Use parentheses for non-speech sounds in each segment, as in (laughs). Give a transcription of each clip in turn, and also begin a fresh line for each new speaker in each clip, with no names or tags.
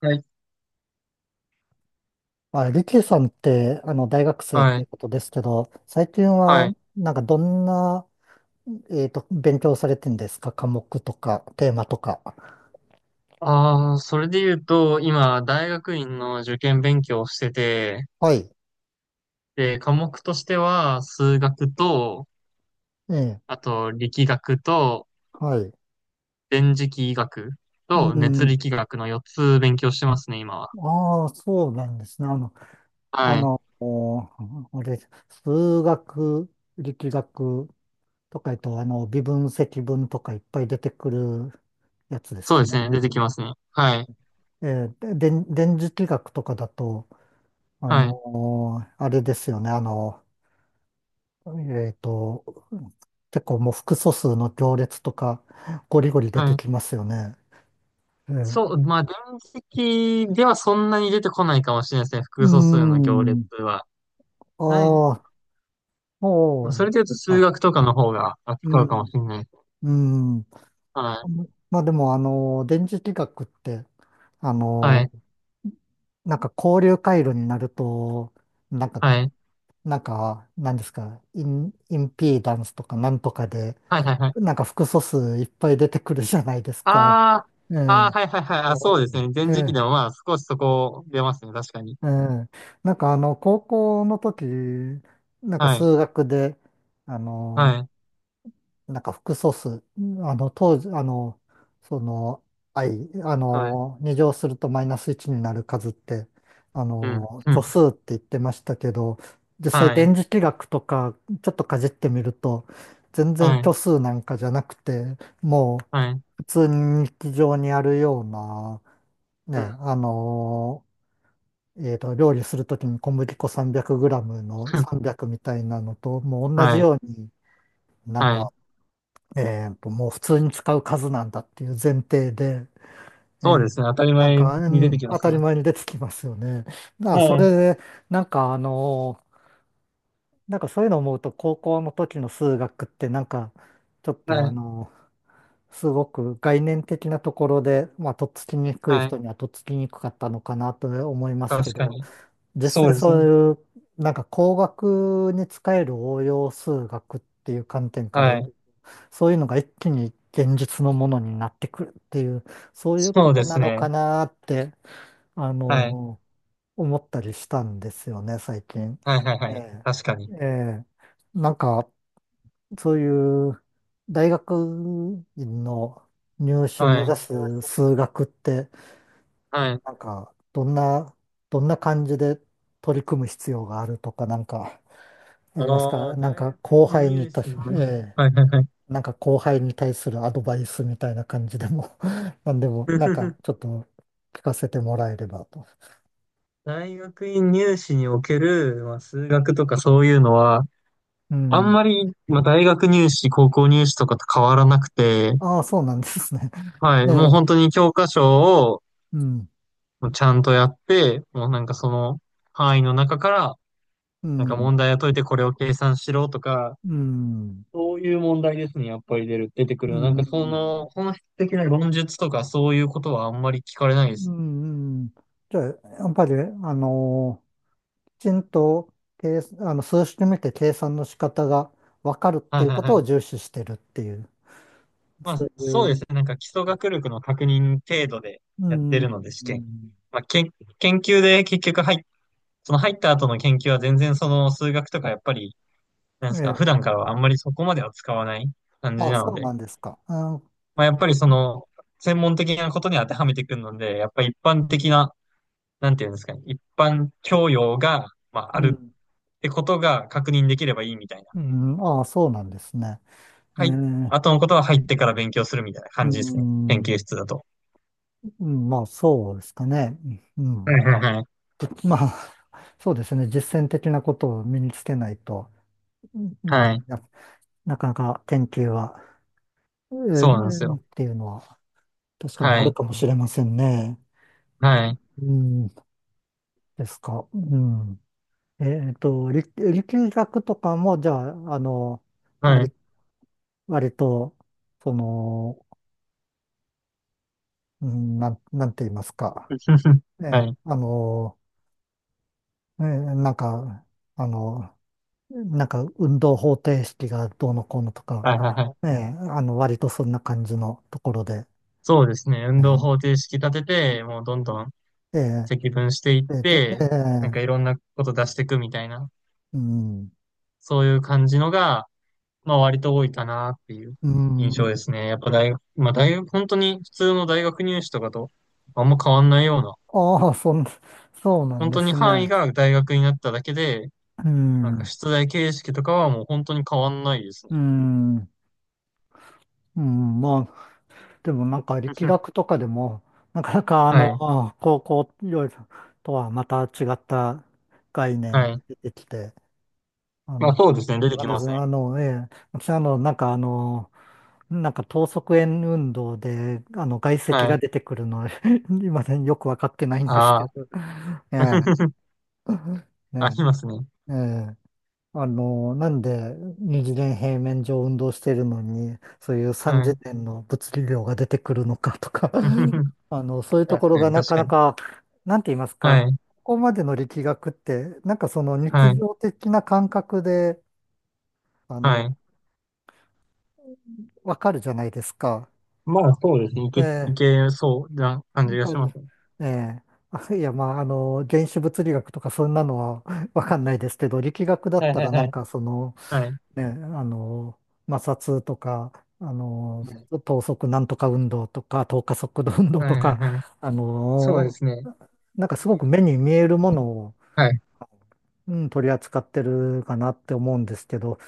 はい、
まあ、リキさんって、大学生っ
は
てい
い、
うことですけど、最近は、
はい。
なんかどんな、えっと、勉強されてんですか、科目とか、テーマとか。
ああ、それで言うと、今、大学院の受験勉強をしてて、
はい。
で、科目としては、数学と、
ええ、
あと、力学と、
はい。
電磁気医学
う
と、熱
ん。
力学の4つ勉強してますね、今は。
ああ、そうなんですね。あの、あ
はい。
の、おあれ、数学、力学とか言うと、微分、積分とかいっぱい出てくるやつです
そう
か
です
ね。
ね、出てきますね。はい、
えーで電電磁気学とかだと、あ
はい、
の、あれですよね。あの、えっと、結構もう複素数の行列とか、ゴリゴリ出
は
て
い。
きますよね。え
そ
え。
う、まあ、電磁気ではそんなに出てこないかもしれないですね、
うー
複素数の行列
ん。
は。ない。
ああ、
まあ
そ
そ
う
れで言うと、数
あ、
学とかの方が
う
扱うかも
ん、
しれないです。
うん。
はい、
まあでも、あの、電磁気学って、あ
は
の、
い。
なんか交流回路になると、なんか、
はい
なんか、なんですか、イン、インピーダンスとかなんとかで、
はいはいはい。
なんか複素数いっぱい出てくるじゃないですか。
あ
え
あ、あ
え。
あ、はいはいはい。あ、そうですね。前時期
え
で
え。
もまあ少しそこ出ますね。確かに。
ええ、なんかあの、高校の時、なんか
はい。
数学で、あの、
はい。
なんか複素数、当時、その、i、
はい。
2乗するとマイナス1になる数って、あ
うん。
の、
う
虚数
ん。
って言ってましたけど、実際
はい。
電磁気学とか、ちょっとかじってみると、全然
はい。
虚数なんかじゃなくて、もう
はい。
普通に日常にあるような、
うん。
ね、料理するときに小麦粉 300g の
(laughs)
300みたいなのと、もう同じ
はい。
ように、なん
は
か、
い。
もう普通に使う数なんだっていう前提で、え
そうです
ー、
ね。当たり
なん
前
か、う
に出て
ん、
きま
当
す
た
ね。
り前に出てきますよね。だからそ
はい。
れで、なんかあのなんかそういうのを思うと、高校の時の数学って、なんか、ちょっと
は
あ
い。
のすごく概念的なところで、まあ、とっつきにくい
はい。
人にはとっつきにくかったのかなと思います
確
け
か
ど、
に。
実
そ
際
うです
そう
ね。
いう、なんか工学に使える応用数学っていう観点から、
はい。
そういうのが一気に現実のものになってくるっていう、そういうこ
そう
と
で
な
す
の
ね。
かなって、あ
はい。
の、思ったりしたんですよね、最近。
はいはいは
え
い。
え、
確かに。
ええ、なんか、そういう大学院の入試目
は
指
い。
す数学って、
はい。
なんか、どんな、どんな感じで取り組む必要があるとか、なんか、あ
あ
ります
あ、
かなん
大
か、
学
後
院
輩に
入
た、
試の
(laughs)
ね。
ええ、
はいはいはい。
なんか後輩に対するアドバイスみたいな感じでも (laughs) なんでも、なんか、ちょっと聞かせてもらえればと。
大学院入試における、まあ、数学とかそういうのは、
う
あん
ん。
まり、まあ、大学入試、高校入試とかと変わらなくて、
ああ、そうなんですね。(laughs)
はい、
え
もう本
え、
当に教科書を
うん、
ちゃんとやって、もうなんかその範囲の中から、
う
なんか
ん、
問題を解いてこれを計算しろとか、
うん、
そういう問題ですね、やっぱり出てくる
う
の。なんかそ
ん、
の本質的な論述とかそういうことはあんまり聞かれな
う
いです。
ん、うん。じゃあ、やっぱり、あのちんと計あの数式見て計算の仕方が分かるっ
は
てい
い
う
は
こ
い
と
は
を
い。
重視してるっていう、
ま
そう
あ、
い
そうで
う、
すね。なんか基礎学力の確認程度で
う
やって
ん、
るので、試
う
験。
ん。
まあ、研究で結局その入った後の研究は全然その数学とかやっぱり、なん
え
ですか、普段
え、
からはあんまりそこまでは使わない感じ
あ、
な
そ
の
うな
で、
んですか。あ、
まあ、やっぱりその、専門的なことに当てはめてくるので、やっぱり一般的な、なんていうんですかね、一般教養が、まあ、あ
う
る
ん、
ってことが確認できればいいみたいな。
うん、あ、そうなんですね。え
はい。
え、
後のことは入ってから勉強するみたいな
う
感じですね。研
ん、
究室だと。
うん、まあそうですかね。う
は
ん、
いはいはい。
で、まあ、そうですね。実践的なことを身につけないと、う
はい。
ん、な、なかなか研究は、ええ、
そうなんです
っ
よ。
ていうのは確かにあ
は
る
い、
かもしれませんね。
はい、
うん、ですか。うん。えっと、力学とかも、じゃあ、あの、
は
割、
い。
割と、その、うん、なんて言いますか。
(laughs) は
え、
い、
あの、え、なんか、あの、なんか、運動方程式がどうのこうのとか、
はいはいはい。
え、あの、割とそんな感じのところで、
そうですね。運動方
え、
程式立てて、もうどんどん
え、
積分していっ
で、でえ
て、なんか
ー、
いろんなこと出していくみたいな、
うん、
そういう感じのが、まあ割と多いかなっていう
う
印
ん。
象ですね。やっぱ大学、まあ大学、本当に普通の大学入試とかとあんま変わんないような、
ああ、そうなん
本
で
当に
す
範囲
ね。
が大学になっただけで、
う
なんか
ん、
出題形式とかはもう本当に変わんないですね。
うん。うん、まあ、でもなんか力
(laughs)
学とかでも、なかなかあの、
はい、
高校とはまた違った概念
は
が
い。
出てきて、あ
まあ
の、
そうですね。出
わ
て
か
き
んないで
ま
す
す
ね。
ね。
あの、ええ、私、なんか等速円運動で、あの、外積
は
が
い。
出てくるの、(laughs) 今ね、よくわかってないんですけ
ああ。
ど、ええ、
(laughs) あ
ね、
りますね。
え、ええ、あの、なんで二次元平面上運動してるのに、そういう三
は
次
い。
元の物理量が出てくるのかとか、
(laughs)
(laughs) あの、そういうとこ
確
ろ
か
が
に、
な
確
か
か
な
に。
か、なんて言います
は
か、こ
い。
こまでの力学って、なんかその
は
日
い。
常的な感覚で、あ
は
の、
い。
わかるじゃないですか。
まあ、そうですね。
え
い
え、
けそうな感
な
じ
ん
が
か
しま
ね、
すね。
ええ、(laughs) あ、いや、まあ、あの、原子物理学とかそんなのは (laughs) わかんないですけど、力学だ
は
っ
い
た
はい
らな
は
ん
い。
かその、
はい。
ね、あの、摩擦とか、あの、
は
等速なんとか運動とか、等加速度運動
い
と
はい
か、
はい。
あ
そうで
の、
すね。
なんか
イ
すご
メー
く
ジ
目
がつ
に
くよ
見
ね。
えるものを、
はい。
うん、取り扱ってるかなって思うんですけど、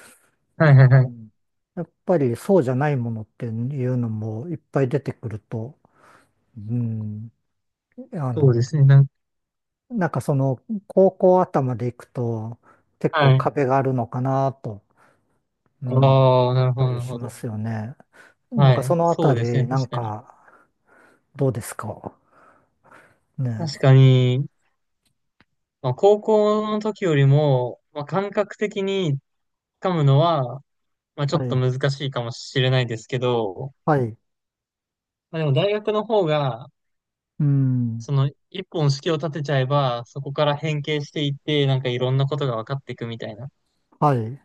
はいはい
う
はい。
ん、やっぱりそうじゃないものっていうのもいっぱい出てくると、うん、あ
そうで
の、
すね。
なんかその高校頭でいくと結構
はい。
壁があるのかなと、うん、
ああ、
思
な
っ
るほ
た
ど、な
り
る
し
ほ
ま
ど。
すよね。なん
は
かそ
い。
のあ
そ
た
うですね。
り、な
確
ん
かに。
か、どうですか
確
ね。
かに、まあ、高校の時よりも、まあ、感覚的に掴むのは、まあ、ちょ
は
っと
い、
難しいかもしれないですけど、
はい、
まあ、でも大学の方が、
うん、
その一本式を立てちゃえば、そこから変形していって、なんかいろんなことが分かっていくみたいな。
はい。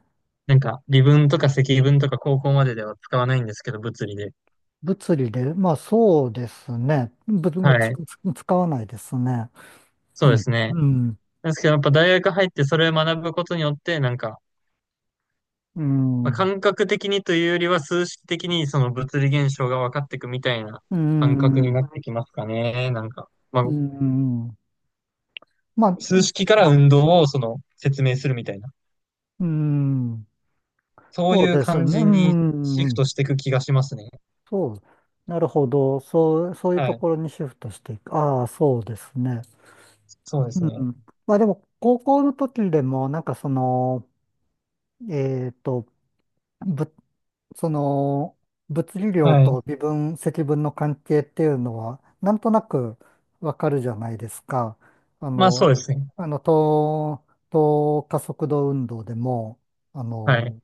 なんか微分とか積分とか高校まででは使わないんですけど、物理で。
物理で、まあそうですね。ぶ
は
ぶつ、
い。
つ使わないですね。
そ
う
うで
ん、
すね。
うん、
なんですけどやっぱ大学入ってそれを学ぶことによって、なんか、
う
まあ、
ん、
感覚的にというよりは数式的にその物理現象が分かっていくみたいな
う
感覚に
ん、
なってきますかね。なんか、まあ、
うん。まあ、
数式から運動をその説明するみたいな。
うん、
そう
そう
いう
です
感
ね。う
じにシフ
ん、
トしていく気がしますね。
そう。なるほど。そう、そういう
は
と
い。
ころにシフトしていく。ああ、そうですね。
そうです
う
ね。
ん。まあでも、高校の時でも、なんかその、えっと、ぶ、その、物理量
はい。
と微分、積分の関係っていうのは、なんとなくわかるじゃないですか。あ
まあそう
の、
ですね。
あの、等、等加速度運動でも、あ
はい。
の、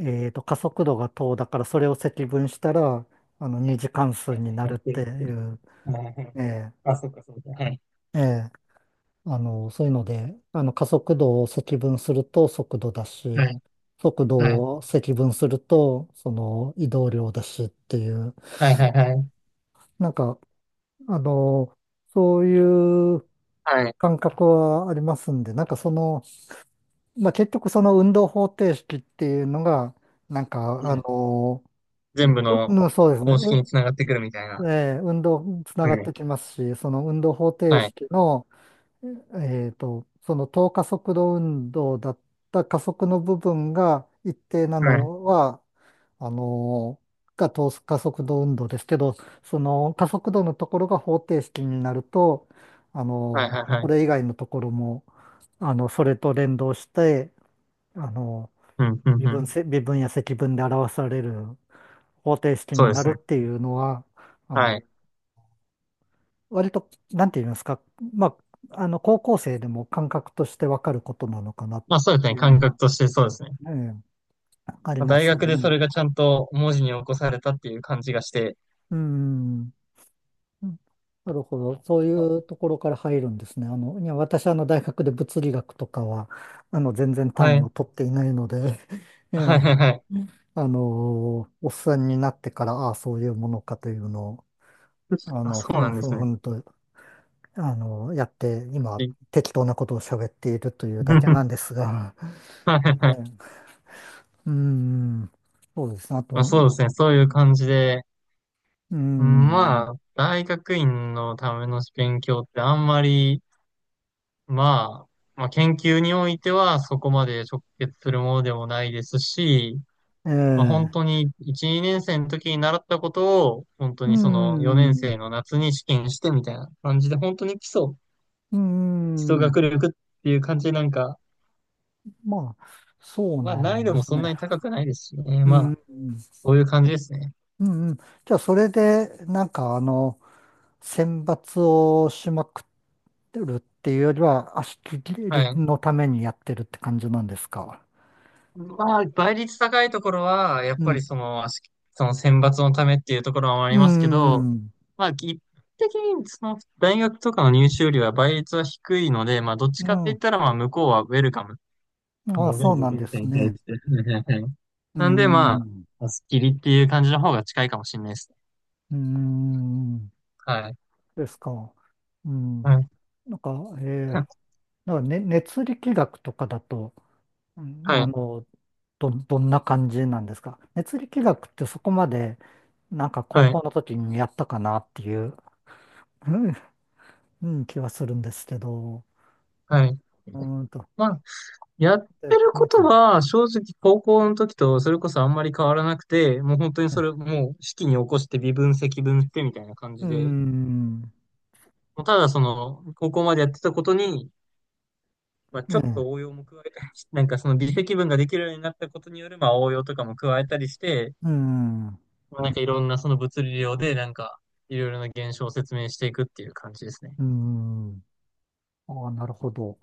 えっと、加速度が等だから、それを積分したら、あの、二次関数
やっ
になるっ
て
て
みて。
いう、
はいはい。
ええ、
あ、そっかそっか。はい。
ええ、あの、そういうので、あの、加速度を積分すると速度だ
は
し、
い。
速
はい。
度を積分すると、その移動量だしっていう、
はいはいはい。
なんか、あの、そういう
はい。
感覚はありますんで、なんかその、まあ、結局その運動方程式っていうのが、なんか、あの、
全部の
うん、そうですね、
公式に
う、
つながってくるみたいな。
ええ、運動つな
は
がっ
い。
てきますし、その運動方程
はい。
式の、えっと、その等加速度運動だった加速の部分が一定な
はい。
のは、あの、が等加速度運動ですけど、その加速度のところが方程式になると、あ
はい
の、
はいは
こ
い。
れ以外のところも、あの、それと連動して、あの、
うん、うん、うん。
微分や積分で表される方程式
そう
に
で
な
す
る
ね。
っていうのは、あ
は
の、
い。
割と、なんて言いますか、まあ、あの、高校生でも感覚としてわかることなのかなっ
まあそうです
て
ね。
いう
感
の
覚
は、
としてそうですね。
ね、あり
まあ
ま
大
すよ
学でそ
ね。
れがちゃんと文字に起こされたっていう感じがして。
うん。うん、なるほど。そういうところから入るんですね。あの、いや、私、あの、大学で物理学とかは、あの、全然単位を取っていないので、(laughs) え
はい
え、
はいはいはい。
あの、おっさんになってから、ああ、そういうものかというのを、あ
あ、
の、
そう
ふ
な
ん
んで
ふん
す
ふ
ね。
んと、あの、やって、今、
び
適当なことを喋っているというだけなんで
(laughs)
すが、
(laughs) はいはい
(laughs)
は
え
い。
え、うん、そうですね。あ
まあ、
と、
そうですね。そういう感じで。
う
うん
ん、
まあ、大学院のための勉強ってあんまり、ままあ、研究においてはそこまで直結するものでもないですし、
え
まあ、本
え、
当に1、2年生の時に習ったことを、本当
う
にその4年
ん、
生の夏に試験してみたいな感じで、本当に
う
基礎
ん、
学力っていう感じでなんか、
まあ、そう
まあ、
な
難
ん
易度
で
も
す
そんな
ね。
に高くないですしね。
う
ま
ん、
あ、
う
そういう感じですね。
ん、うん。じゃあ、それで、なんか、あの、選抜をしまくってるっていうよりは、足切
は
り
い。
のためにやってるって感じなんですか。
まあ、倍率高いところは、やっ
う
ぱ
ん、
りその、その選抜のためっていうところもあり
う
ますけど、
ん、
まあ、一般的にその大学とかの入試よりは倍率は低いので、まあ、どっち
う
かって言っ
ん。
たら、まあ、向こうはウェルカム。
ああ、
ノーベ
そ
ル
うなん
受
で
験生
す
に対
ね。
して。はいはいはい
う
なんで、ま
ん、
あ、スッキリっていう感じの方が近いかもしれないです。
うん、
はい。
ですか。う
は
ん。
い。
なんか、えー、
(laughs)
なんか、ね、熱力学とかだと、うん、
は
あ
い。
の、どんな感じなんですか、熱力学ってそこまで、なんか高
はい。
校の時にやったかなっていう、うん、うん、気はするんですけど、
はい。
うーんと、
まあやって
で
るこ
熱
とは、正直高校の時とそれこそあんまり変わらなくて、もう本当に
え
もう式に起こして微分積分してみたいな感
う
じ
ー
で、
ん、
もうただその、高校までやってたことに、まあ、
え
ちょっ
え、
と応用も加えたりし、(laughs) なんかその微積分ができるようになったことによる、まあ応用とかも加えたりして、
うーん、う
まあなんかいろんなその物理量で、なんか、いろいろな現象を説明していくっていう感じですね。
ーん、ああ、なるほど。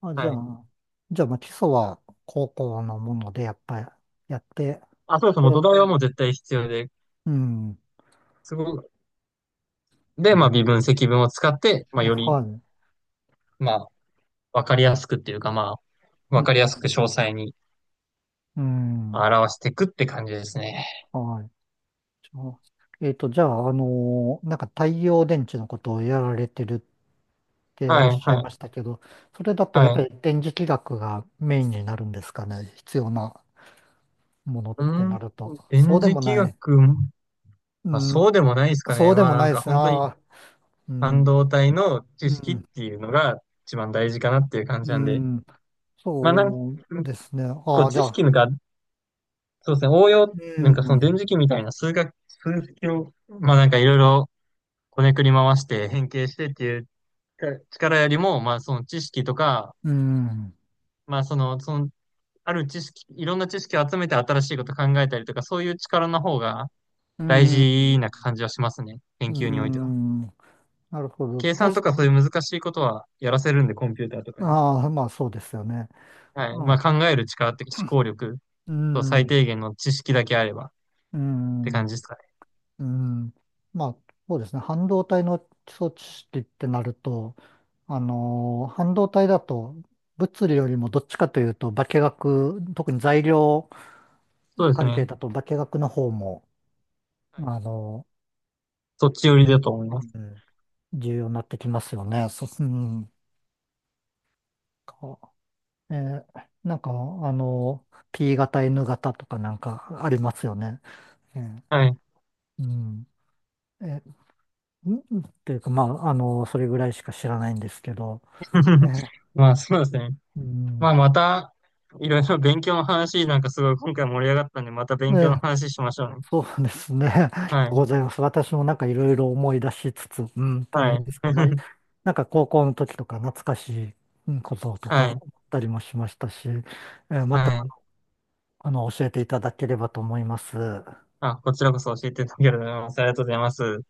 あ、じゃ
はい。
あ、じゃあ、まあ、基礎は高校のもので、やっぱりやって、
あ、そうそう、
で、
もう土台はもう絶対必要で、
うん、
すごく、で、
う
まあ
ん、
微分積分を使って、まあより、
はい、
まあ、わかりやすくっていうか、まあ、
う
わ
ん、
かりやすく詳細に
うん。
表していくって感じですね。
はい。じゃあ、えっと、じゃあ、あのー、なんか太陽電池のことをやられてるって
は
おっ
い、
しゃい
はい、
ましたけど、それだと
は
やっぱ
い。
り電磁気学がメインになるんですかね、必要なものっ
う
てな
ん、
ると。
電
そうで
磁
も
気
ない。
学、ま
う
あ、
ん、
そうでもないですか
そ
ね。
うでも
まあ、な
な
ん
いで
か
すね。
本当に
ああ、う
半
ん、
導体の
う
知識っ
ん、
ていうのが一番大事かなっていう感じ
う
なんで、
ん、
まあ、
そうですね。
こ
あ
う、
あ、じ
知
ゃ
識
あ、
が、そうですね、応用、
う
なんかその
ん、
電磁気みたいな数学、数式を、まあ、なんかいろいろこねくり回して変形してっていう力よりも、まあ、その知識とか、
うん、
まあ、そのある知識、いろんな知識を集めて新しいこと考えたりとか、そういう力の方が
う
大
ん、
事な感じはしますね。研
う
究においては。
ん、なるほど。
計算
確
とか
か
そう
に。
いう難しいことはやらせるんで、コンピューターとかに。
ああ、まあそうですよね。
はい。
う
まあ
ん、
考える力っていうか思考力
う
と最
ん、
低限の知識だけあればっ
う
て
ん。
感じですかね。
うん、まあ、そうですね。半導体の装置式ってなると、あのー、半導体だと、物理よりもどっちかというと、化学、特に材料
そうです
関係
ね。
だと化学の方も、
はい。
あの
そっち寄りだと思います。
ー、うん、重要になってきますよね。そう、うん。かえー、なんか、あのー、 P 型、N 型とかなんかありますよね。えー。
はい。
うん。んっていうか、まあ、あの、それぐらいしか知らないんですけど、え
(laughs)
え、
まあそうですね。
う
ま
ん、
あまた、いろいろ勉強の話なんかすごい今回盛り上がったんで、また
え
勉強の
え、
話しましょうね。
そうですね。(laughs) ありがと
は
う
い。
ございます。私もなんかいろいろ思い出しつつ、うん、っていうん
は
で
い。
すか、まあ、
(laughs)
なんか高校の時とか懐かしいうん、こととか思
は
っ
い。
たりもしましたし、ええ、また、
はい。
あの、教えていただければと思います。
あ、こちらこそ教えていただけると思います。ありがとうございます。